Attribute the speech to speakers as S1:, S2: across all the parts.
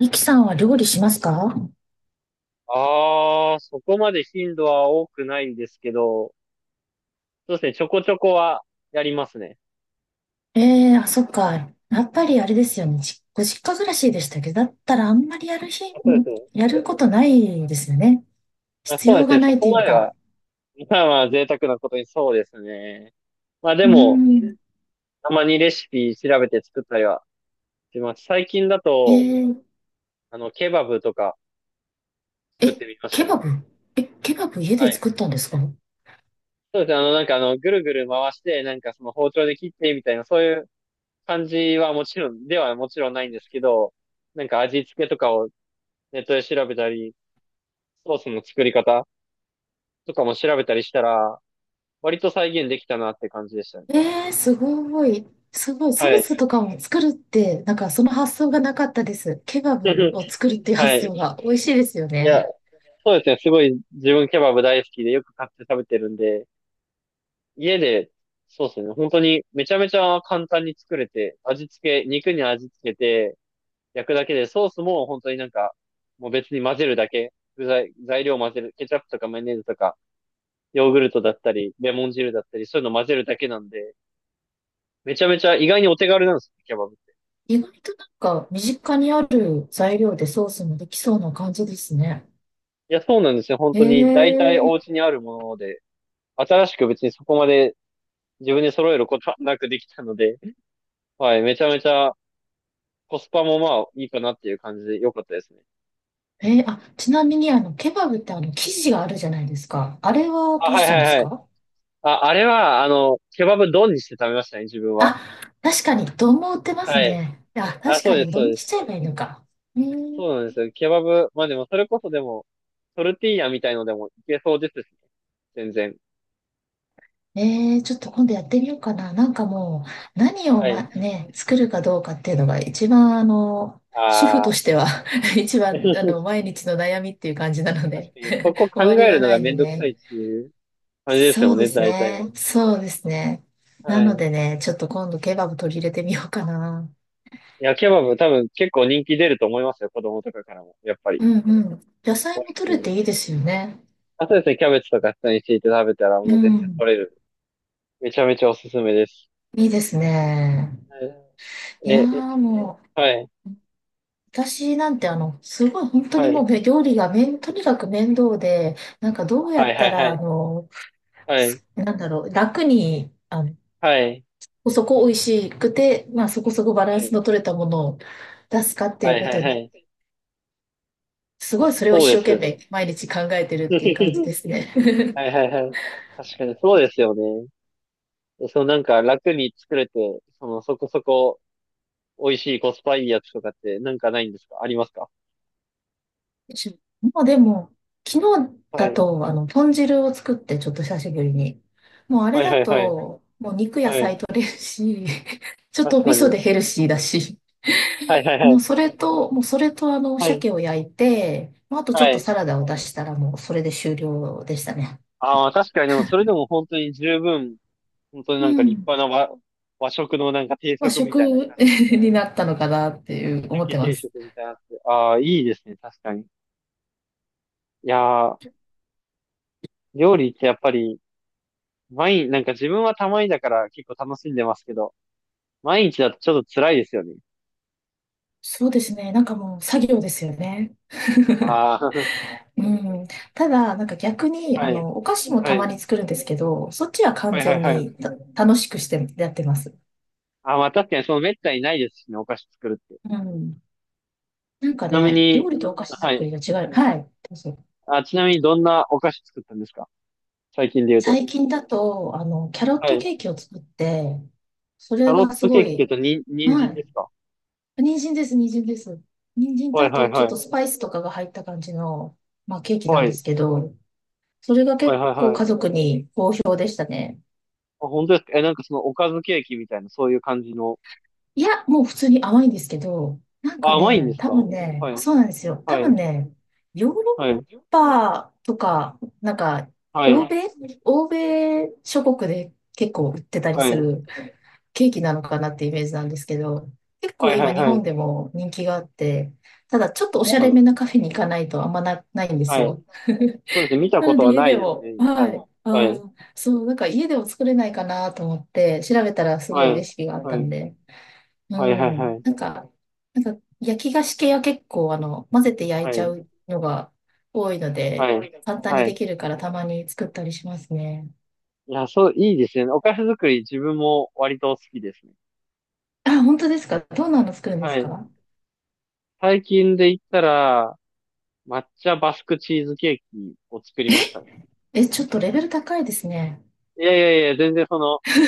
S1: ミキさんは料理しますか？
S2: ああ、そこまで頻度は多くないんですけど、そうですね、ちょこちょこはやりますね。
S1: ええー、あ、そっか。やっぱりあれですよね。実家暮らしでしたけど、だったらあんまりやる日、
S2: あ、そ
S1: う
S2: うです
S1: ん、
S2: ね。
S1: やることないですよね。
S2: あ、
S1: 必
S2: そうで
S1: 要
S2: す
S1: が
S2: ね、
S1: な
S2: そ
S1: いと
S2: こ
S1: いう
S2: までは、
S1: か。
S2: まあまあ贅沢なことにそうですね。まあ
S1: う
S2: で
S1: ー
S2: も、
S1: ん。
S2: たまにレシピ調べて作ったりはします。最近だ
S1: え
S2: と、
S1: ー、
S2: ケバブとか作っ
S1: え、
S2: てみました
S1: ケ
S2: ね。
S1: バブ。ケバブ家
S2: は
S1: で
S2: い。
S1: 作ったんですか？
S2: そうですね、ぐるぐる回して、なんかその包丁で切ってみたいな、そういう感じはもちろん、ではもちろんないんですけど、なんか味付けとかをネットで調べたり、ソースの作り方とかも調べたりしたら、割と再現できたなって感じでしたね。
S1: えー、すごい。すごい。ソ
S2: は
S1: ー
S2: い。
S1: スとかも作るって、なんかその発想がなかったです。ケバブを 作るっていう
S2: は
S1: 発
S2: い。
S1: 想が美味しいですよ
S2: い
S1: ね。
S2: や、そうですね。すごい自分ケバブ大好きでよく買って食べてるんで、家で、そうですね。本当にめちゃめちゃ簡単に作れて、味付け、肉に味付けて焼くだけで、ソースも本当になんか、もう別に混ぜるだけ。具材、材料混ぜる。ケチャップとかマヨネーズとか、ヨーグルトだったり、レモン汁だったり、そういうの混ぜるだけなんで、めちゃめちゃ意外にお手軽なんですよ、ケバブ。
S1: 意外となんか身近にある材料でソースもできそうな感じですね。
S2: いや、そうなんですよ。本
S1: え
S2: 当に、大体
S1: ー、
S2: お家にあるもので、新しく別にそこまで自分で揃えることはなくできたので、はい、めちゃめちゃコスパもまあいいかなっていう感じで良かったですね。
S1: ちなみにケバブって生地があるじゃないですか。あれは
S2: あ、
S1: どう
S2: はい
S1: したんで
S2: は
S1: す
S2: いはい。
S1: か？
S2: あ、あれは、ケバブ丼にして食べましたね、自分は。
S1: あ、確かに、丼も売ってます
S2: はい。
S1: ね。あ、
S2: あ、
S1: 確
S2: そ
S1: か
S2: うで
S1: に、
S2: す、そう
S1: 丼に
S2: で
S1: しち
S2: す。
S1: ゃえばいいのか。えー、
S2: そうなんですよ。ケバブ、まあでもそれこそでも、トルティーヤみたいのでもいけそうですしね。全然。
S1: えちょっと今度やってみようかな。なんかもう、何を、
S2: は
S1: ま、
S2: い。
S1: ね、作るかどうかっていうのが一番主婦と
S2: ああ、
S1: しては、 一番毎日の悩みっていう感じなの
S2: 確
S1: で、
S2: かに、そこ
S1: 終
S2: 考
S1: わり
S2: える
S1: が
S2: の
S1: な
S2: が
S1: いん
S2: め
S1: で
S2: んどくさいっ
S1: ね。
S2: ていう感じです
S1: そ
S2: よ
S1: うで
S2: ね、
S1: す
S2: 大体は。
S1: ね。そうですね。な
S2: は
S1: の
S2: い。
S1: でね、ちょっと今度ケバブ取り入れてみようかな。
S2: いや、ケバブ多分結構人気出ると思いますよ、子供とかからも。やっぱり。
S1: うんうん。野
S2: 美
S1: 菜
S2: 味
S1: も取
S2: しい
S1: れ
S2: んで。
S1: ていいですよね。
S2: あとですね、キャベツとか下に敷いて食べたら
S1: う
S2: もう全然
S1: ん。
S2: 取れる。めちゃめちゃおすすめです。
S1: いいですね。
S2: え、
S1: いやー
S2: え、
S1: もう、私なんてすごい本当にもう料理がとにかく面倒で、なんかどうやったら、なんだろう、楽に、そこそこ美味しくて、まあそこそこバランスの取れたものを出すかっていうことにすごいそれを一生懸命毎日考えてるっていう感じですね。
S2: は いはいはい。はいはいはいはいはいはいはい、まあそうですよね。 はいはいはい。確かにそうですよね。そう、なんか楽に作れて、そのそこそこ美味しいコスパいいやつとかってなんかないんですか？ありますか？
S1: まあでも、昨日
S2: は
S1: だ
S2: い。
S1: と、豚汁を作って、ちょっと久しぶりに。もうあ
S2: は
S1: れ
S2: い
S1: だ
S2: はいはい。
S1: と、もう肉野
S2: はい。
S1: 菜取れるし、ちょっ
S2: 確
S1: と味
S2: か
S1: 噌
S2: に。
S1: でヘルシーだし。
S2: はいはいはい。
S1: もうそれと
S2: はい。
S1: 鮭を焼いて、まああとちょ
S2: は
S1: っと
S2: い。
S1: サラダを出したらもうそれで終了でしたね。
S2: ああ、確かにでもそれでも本当に十分、本当に
S1: う
S2: なんか立
S1: ん。
S2: 派な和食のなんか定
S1: まあ
S2: 食み
S1: 食
S2: たいな感 じ。
S1: になったのかなって
S2: 焼
S1: い
S2: き
S1: う思っ
S2: 鮭
S1: てま
S2: 定
S1: す。
S2: 食みたいなやつ。ああ、いいですね。確かに。いやー、料理ってやっぱり、毎日、なんか自分はたまにだから結構楽しんでますけど、毎日だとちょっと辛いですよね。
S1: そうですね。なんかもう作業ですよね。
S2: ああ、
S1: う ん。ただ、なんか逆に、
S2: はい。
S1: お菓子も
S2: は
S1: たま
S2: い。
S1: に作るんですけど、そっちは
S2: は
S1: 完
S2: いはい
S1: 全
S2: はい。
S1: に楽しくしてやってます。
S2: ああ、まあ確かにその滅多にないですしね、お菓子作るって。
S1: うん。なんか
S2: ちなみ
S1: ね、
S2: に、
S1: 料理とお菓子
S2: は
S1: 作
S2: い。
S1: りが違う。はい。どうぞ。
S2: あ、ちなみにどんなお菓子作ったんですか？最近で言うと。
S1: 最近だと、キャロッ
S2: は
S1: ト
S2: い。
S1: ケーキを作って、そ
S2: タ
S1: れ
S2: ロッ
S1: がす
S2: トケ
S1: ご
S2: ーキって言う
S1: い、
S2: と、人参
S1: はい。
S2: ですか？
S1: 人参です、人参です。人参と
S2: はい
S1: あ
S2: はい
S1: と、ちょっ
S2: は
S1: と
S2: い。
S1: スパイスとかが入った感じの、まあ、ケーキな
S2: は
S1: んで
S2: い。
S1: すけど、それが
S2: はい
S1: 結
S2: はい
S1: 構
S2: は
S1: 家
S2: い。
S1: 族に好評でしたね。
S2: あ、本当ですか？え、なんかそのおかずケーキみたいな、そういう感じの。
S1: いや、もう普通に甘いんですけど、なん
S2: あ、
S1: か
S2: 甘いんで
S1: ね、
S2: す
S1: 多
S2: か？
S1: 分
S2: は
S1: ね、
S2: い。
S1: そうなんですよ。多
S2: は
S1: 分
S2: い。
S1: ね、ヨーロッ
S2: はい。
S1: パとか、なんか、
S2: は
S1: 欧
S2: い。
S1: 米、欧米諸国で結構売ってたり
S2: は
S1: す
S2: い。
S1: るケーキなのかなってイメージなんですけど、結構
S2: はいは
S1: 今
S2: い
S1: 日
S2: は
S1: 本
S2: い。
S1: でも人気があって、ただちょっとおし
S2: そう
S1: ゃ
S2: な
S1: れ
S2: ん
S1: め
S2: です
S1: な
S2: ね。
S1: カフェに行かないとないんです
S2: はい。
S1: よ。
S2: そうですね。見た
S1: な
S2: こ
S1: の
S2: と
S1: で
S2: は
S1: 家
S2: ない
S1: で
S2: ですね。
S1: も、
S2: は
S1: はい。
S2: い。は
S1: あ
S2: い。
S1: ー、そう、なんか家でも作れないかなと思って調べたらすご
S2: は
S1: いレ
S2: い。
S1: シピがあった
S2: は
S1: ん
S2: い。
S1: で、
S2: はいはい
S1: う
S2: は
S1: ん。
S2: い。
S1: なんか、焼き菓子系は結構、混ぜて焼い
S2: は
S1: ちゃ
S2: い。
S1: うのが多いの
S2: は
S1: で、
S2: い。
S1: 簡単
S2: は
S1: にで
S2: い。
S1: きるからたまに作ったりしますね。
S2: いや、そう、いいですね。お菓子作り自分も割と好きですね。
S1: あ、本当ですか？どんなの作るんで
S2: は
S1: す
S2: い。
S1: か？
S2: 最近で言ったら、抹茶バスクチーズケーキを作りましたね。
S1: え、ちょっとレベル高いですね。
S2: いやいやいや、全然その、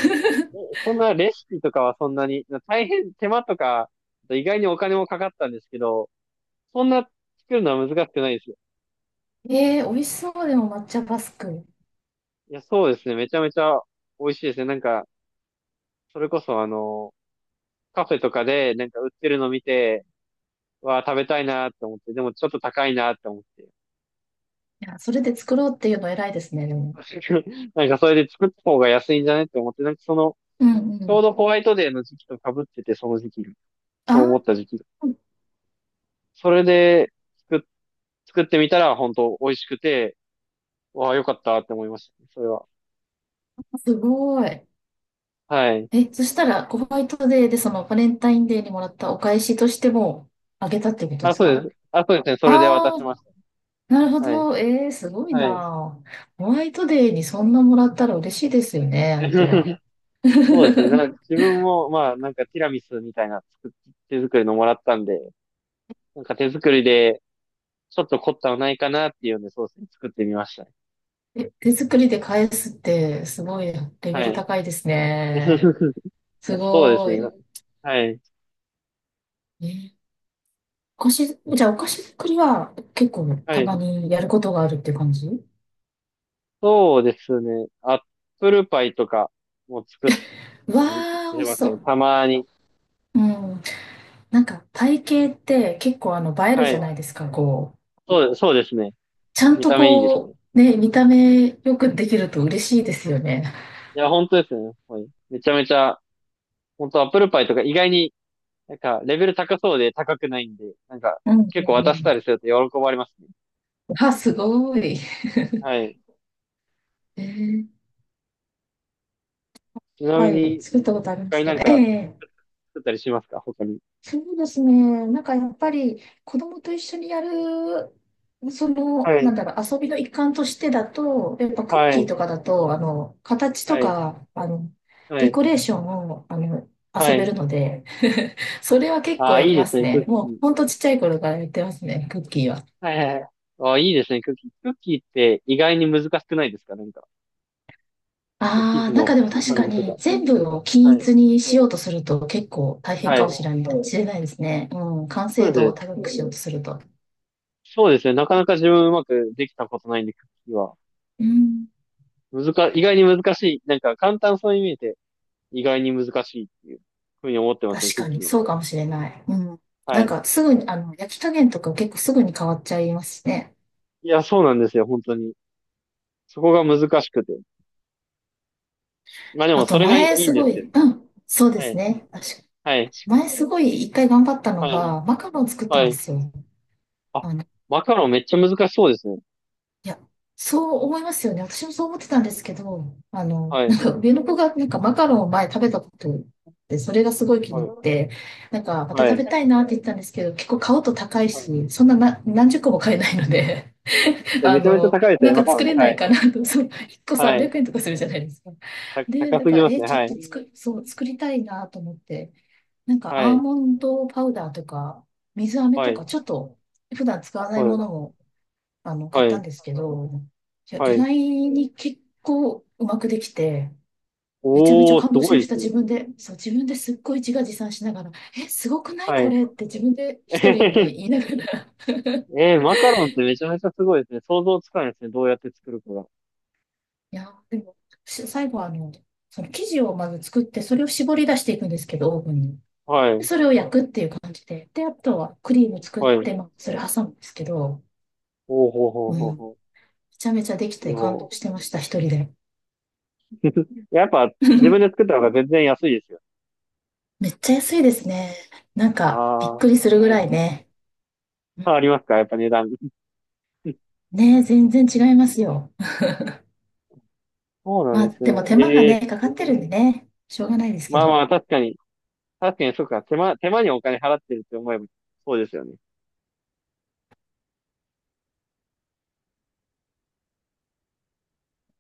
S2: そんなレシピとかはそんなに、大変手間とか、意外にお金もかかったんですけど、そんな作るのは難しくないですよ。
S1: 美味しそうでも抹茶バスク。
S2: いや、そうですね。めちゃめちゃ美味しいですね。なんか、それこそカフェとかでなんか売ってるの見て、わあ、食べたいなって思って、でもちょっと高いなって思って。
S1: いや、それで作ろうっていうの偉いですね、でも。
S2: なんかそれで作った方が安いんじゃねって思って、なんかその、
S1: うんう
S2: ちょう
S1: ん。
S2: どホワイトデーの時期と被ってて、その時期が。
S1: あ
S2: そう思った時期が。
S1: ー、
S2: それで、作っ作ってみたら本当美味しくて、わあ、よかったって思いましたね、それは。
S1: すごい。
S2: はい。
S1: え、そしたら、ホワイトデーで、そのバレンタインデーにもらったお返しとしても、あげたってことで
S2: あ、
S1: す
S2: そうで
S1: か？
S2: す。あ、そうですね。それで渡
S1: あ
S2: し
S1: あ、
S2: まし
S1: なるほ
S2: た。はい。
S1: ど。すごい
S2: はい。
S1: な。ホワイトデーにそんなもらったら嬉しいですよね、相手は。
S2: そうですね。な んか自分も、まあ、なんかティラミスみたいな手作りのもらったんで、なんか手作りで、ちょっと凝ったのないかなっていうので、そうですね。作ってみましたね。
S1: え、手作りで返すってすごいレベ
S2: は
S1: ル
S2: い。
S1: 高いですね。す
S2: そうです
S1: ご
S2: ね。
S1: い。
S2: はい。
S1: え、お菓子、じゃあお菓子作りは結構
S2: は
S1: た
S2: い。
S1: まにやることがあるっていう感じ。
S2: そうですね。アップルパイとかも作った
S1: わ
S2: りし
S1: ー、美
S2: て
S1: 味し
S2: ます
S1: そ
S2: ね。
S1: う。
S2: たまに。
S1: うん。なんか体型って結構映える
S2: は
S1: じゃない
S2: い。
S1: ですか、こう。
S2: そう、そうですね。
S1: ちゃん
S2: 見
S1: と
S2: た目いいですね。
S1: こう、ね、見た目よくできると嬉しいですよね。
S2: いや、本当ですね。はい。めちゃめちゃ、本当アップルパイとか意外に、なんか、レベル高そうで高くないんで、なんか、
S1: うんうん
S2: 結構
S1: う
S2: 渡したり
S1: ん。
S2: すると喜ばれますね。
S1: あ、すごい。
S2: はい。
S1: えー、
S2: ちなみ
S1: はい、
S2: に、
S1: 作ったことあるんで
S2: 他
S1: す
S2: に
S1: け
S2: なん
S1: ど。え
S2: か
S1: え、
S2: 作ったりしますか？他に。
S1: そうですね。なんかやっぱり子供と一緒にやる、
S2: は
S1: な
S2: い。
S1: んだろう、遊びの一環としてだと、やっぱクッ
S2: は
S1: キー
S2: い。
S1: とかだと、形と
S2: はい。
S1: か、
S2: は
S1: デ
S2: い。
S1: コレーションを、
S2: は
S1: 遊べる
S2: い。
S1: ので、それは結
S2: あ
S1: 構
S2: あ、
S1: や
S2: い
S1: り
S2: いで
S1: ま
S2: す
S1: す
S2: ね、クッ
S1: ね。も
S2: キ
S1: う、
S2: ー。
S1: ほんとちっちゃい頃からやってますね、クッキーは。
S2: はいはいはい。ああ、いいですね、クッキー。クッキーって意外に難しくないですか？なんか、こう生
S1: あ
S2: 地
S1: あ、なんかで
S2: の
S1: も確
S2: 感
S1: かん。
S2: じと
S1: に
S2: か。
S1: 全部を均
S2: はい。
S1: 一にしようとすると結構大変
S2: は
S1: か
S2: い。
S1: もしれない、そう、知れないですね。うん、完成
S2: そう
S1: 度を
S2: です
S1: 高そ
S2: ね。
S1: くしよううとすると。
S2: そうですね。なかなか自分うまくできたことないんで、クッキーは。
S1: うん、
S2: 意外に難しい。なんか簡単そうに見えて、意外に難しいっていうふうに思ってますね、
S1: 確
S2: クッ
S1: か
S2: キ
S1: に
S2: ーは。
S1: そうかもしれない。うん。
S2: は
S1: なん
S2: い。
S1: かすぐに、焼き加減とか結構すぐに変わっちゃいますしね。
S2: いや、そうなんですよ、本当に。そこが難しくて。まあで
S1: あ
S2: も、そ
S1: と
S2: れがい
S1: 前
S2: いん
S1: す
S2: で
S1: ご
S2: すけど。
S1: い、うん、そうで
S2: は
S1: す
S2: い。
S1: ね。確かに。
S2: はい。
S1: 前すごい一回頑張ったの
S2: はい。
S1: が、マカロン作った
S2: は
S1: んで
S2: い。
S1: すよ。
S2: あ、マカロンめっちゃ難しそうですね。
S1: いや、そう思いますよね。私もそう思ってたんですけど、
S2: は
S1: なん
S2: い。
S1: か上の子がなんかマカロンを前食べたことあって、それがすごい気
S2: は
S1: に入っ
S2: い。
S1: て、なんかまた
S2: は
S1: 食
S2: い。
S1: べたいなって言ってたんですけど、結構買うと高い
S2: はい。
S1: し、そんなな何十個も買えないので、
S2: でめちゃめちゃ高いです
S1: な
S2: ね、
S1: ん
S2: マ
S1: か
S2: カロンっ
S1: 作
S2: て。
S1: れ
S2: は
S1: ない
S2: い。
S1: かなと、そう、1個
S2: は
S1: 300
S2: い。
S1: 円とかするじゃないですか。
S2: た、
S1: で、
S2: 高
S1: だ
S2: す
S1: か
S2: ぎ
S1: ら、
S2: ます
S1: え、
S2: ね。
S1: ちょっ
S2: はい。
S1: と作、そう、作りたいなと思って、なんか
S2: は
S1: アー
S2: い。
S1: モンドパウダーとか、水飴
S2: は
S1: と
S2: い。
S1: か、ちょっと普段使わな
S2: は
S1: いも
S2: い。
S1: の買
S2: は
S1: ったん
S2: い。
S1: ですけど、いや、
S2: は
S1: 意
S2: い。
S1: 外に結構うまくできて、めちゃめちゃ
S2: おー、す
S1: 感動し
S2: ご
S1: ま
S2: い
S1: し
S2: で
S1: た、
S2: すね。
S1: 自分で。そう、自分ですっごい自画自賛しながら、え、すごくない
S2: は
S1: こ
S2: い。
S1: れって自分で一人で 言いながら。
S2: えー、マカロンってめちゃめちゃすごいですね。想像つかないですね。どうやって作るかが。
S1: いや、でも、最後はその生地をまず作って、それを絞り出していくんですけど、オーブンに。
S2: は
S1: で、
S2: い。
S1: それを焼くっていう感じで。で、あとはクリーム作っ
S2: は
S1: て、
S2: い。
S1: まあ、それ挟むんですけど、
S2: ほうほうほう
S1: う
S2: ほう
S1: ん、め
S2: ほ
S1: ちゃめちゃでき
S2: う。いや
S1: て感動し
S2: ー、
S1: てました、一人で。
S2: やっぱ自分で 作った方が全然安いですよ。
S1: めっちゃ安いですね。なん
S2: あ
S1: か、びっ
S2: あ、は
S1: くりするぐら
S2: い。
S1: いね。
S2: 変わりますか？やっぱ値段。
S1: ねえ、全然違いますよ。
S2: そうな
S1: ま
S2: ん
S1: あ、
S2: です
S1: でも
S2: ね。
S1: 手間が
S2: ええ、
S1: ね、かかってるんでね、しょうがないですけ
S2: まあま
S1: ど。
S2: あ、確かに。確かに、そうか。手間にお金払ってるって思えば、そうですよね。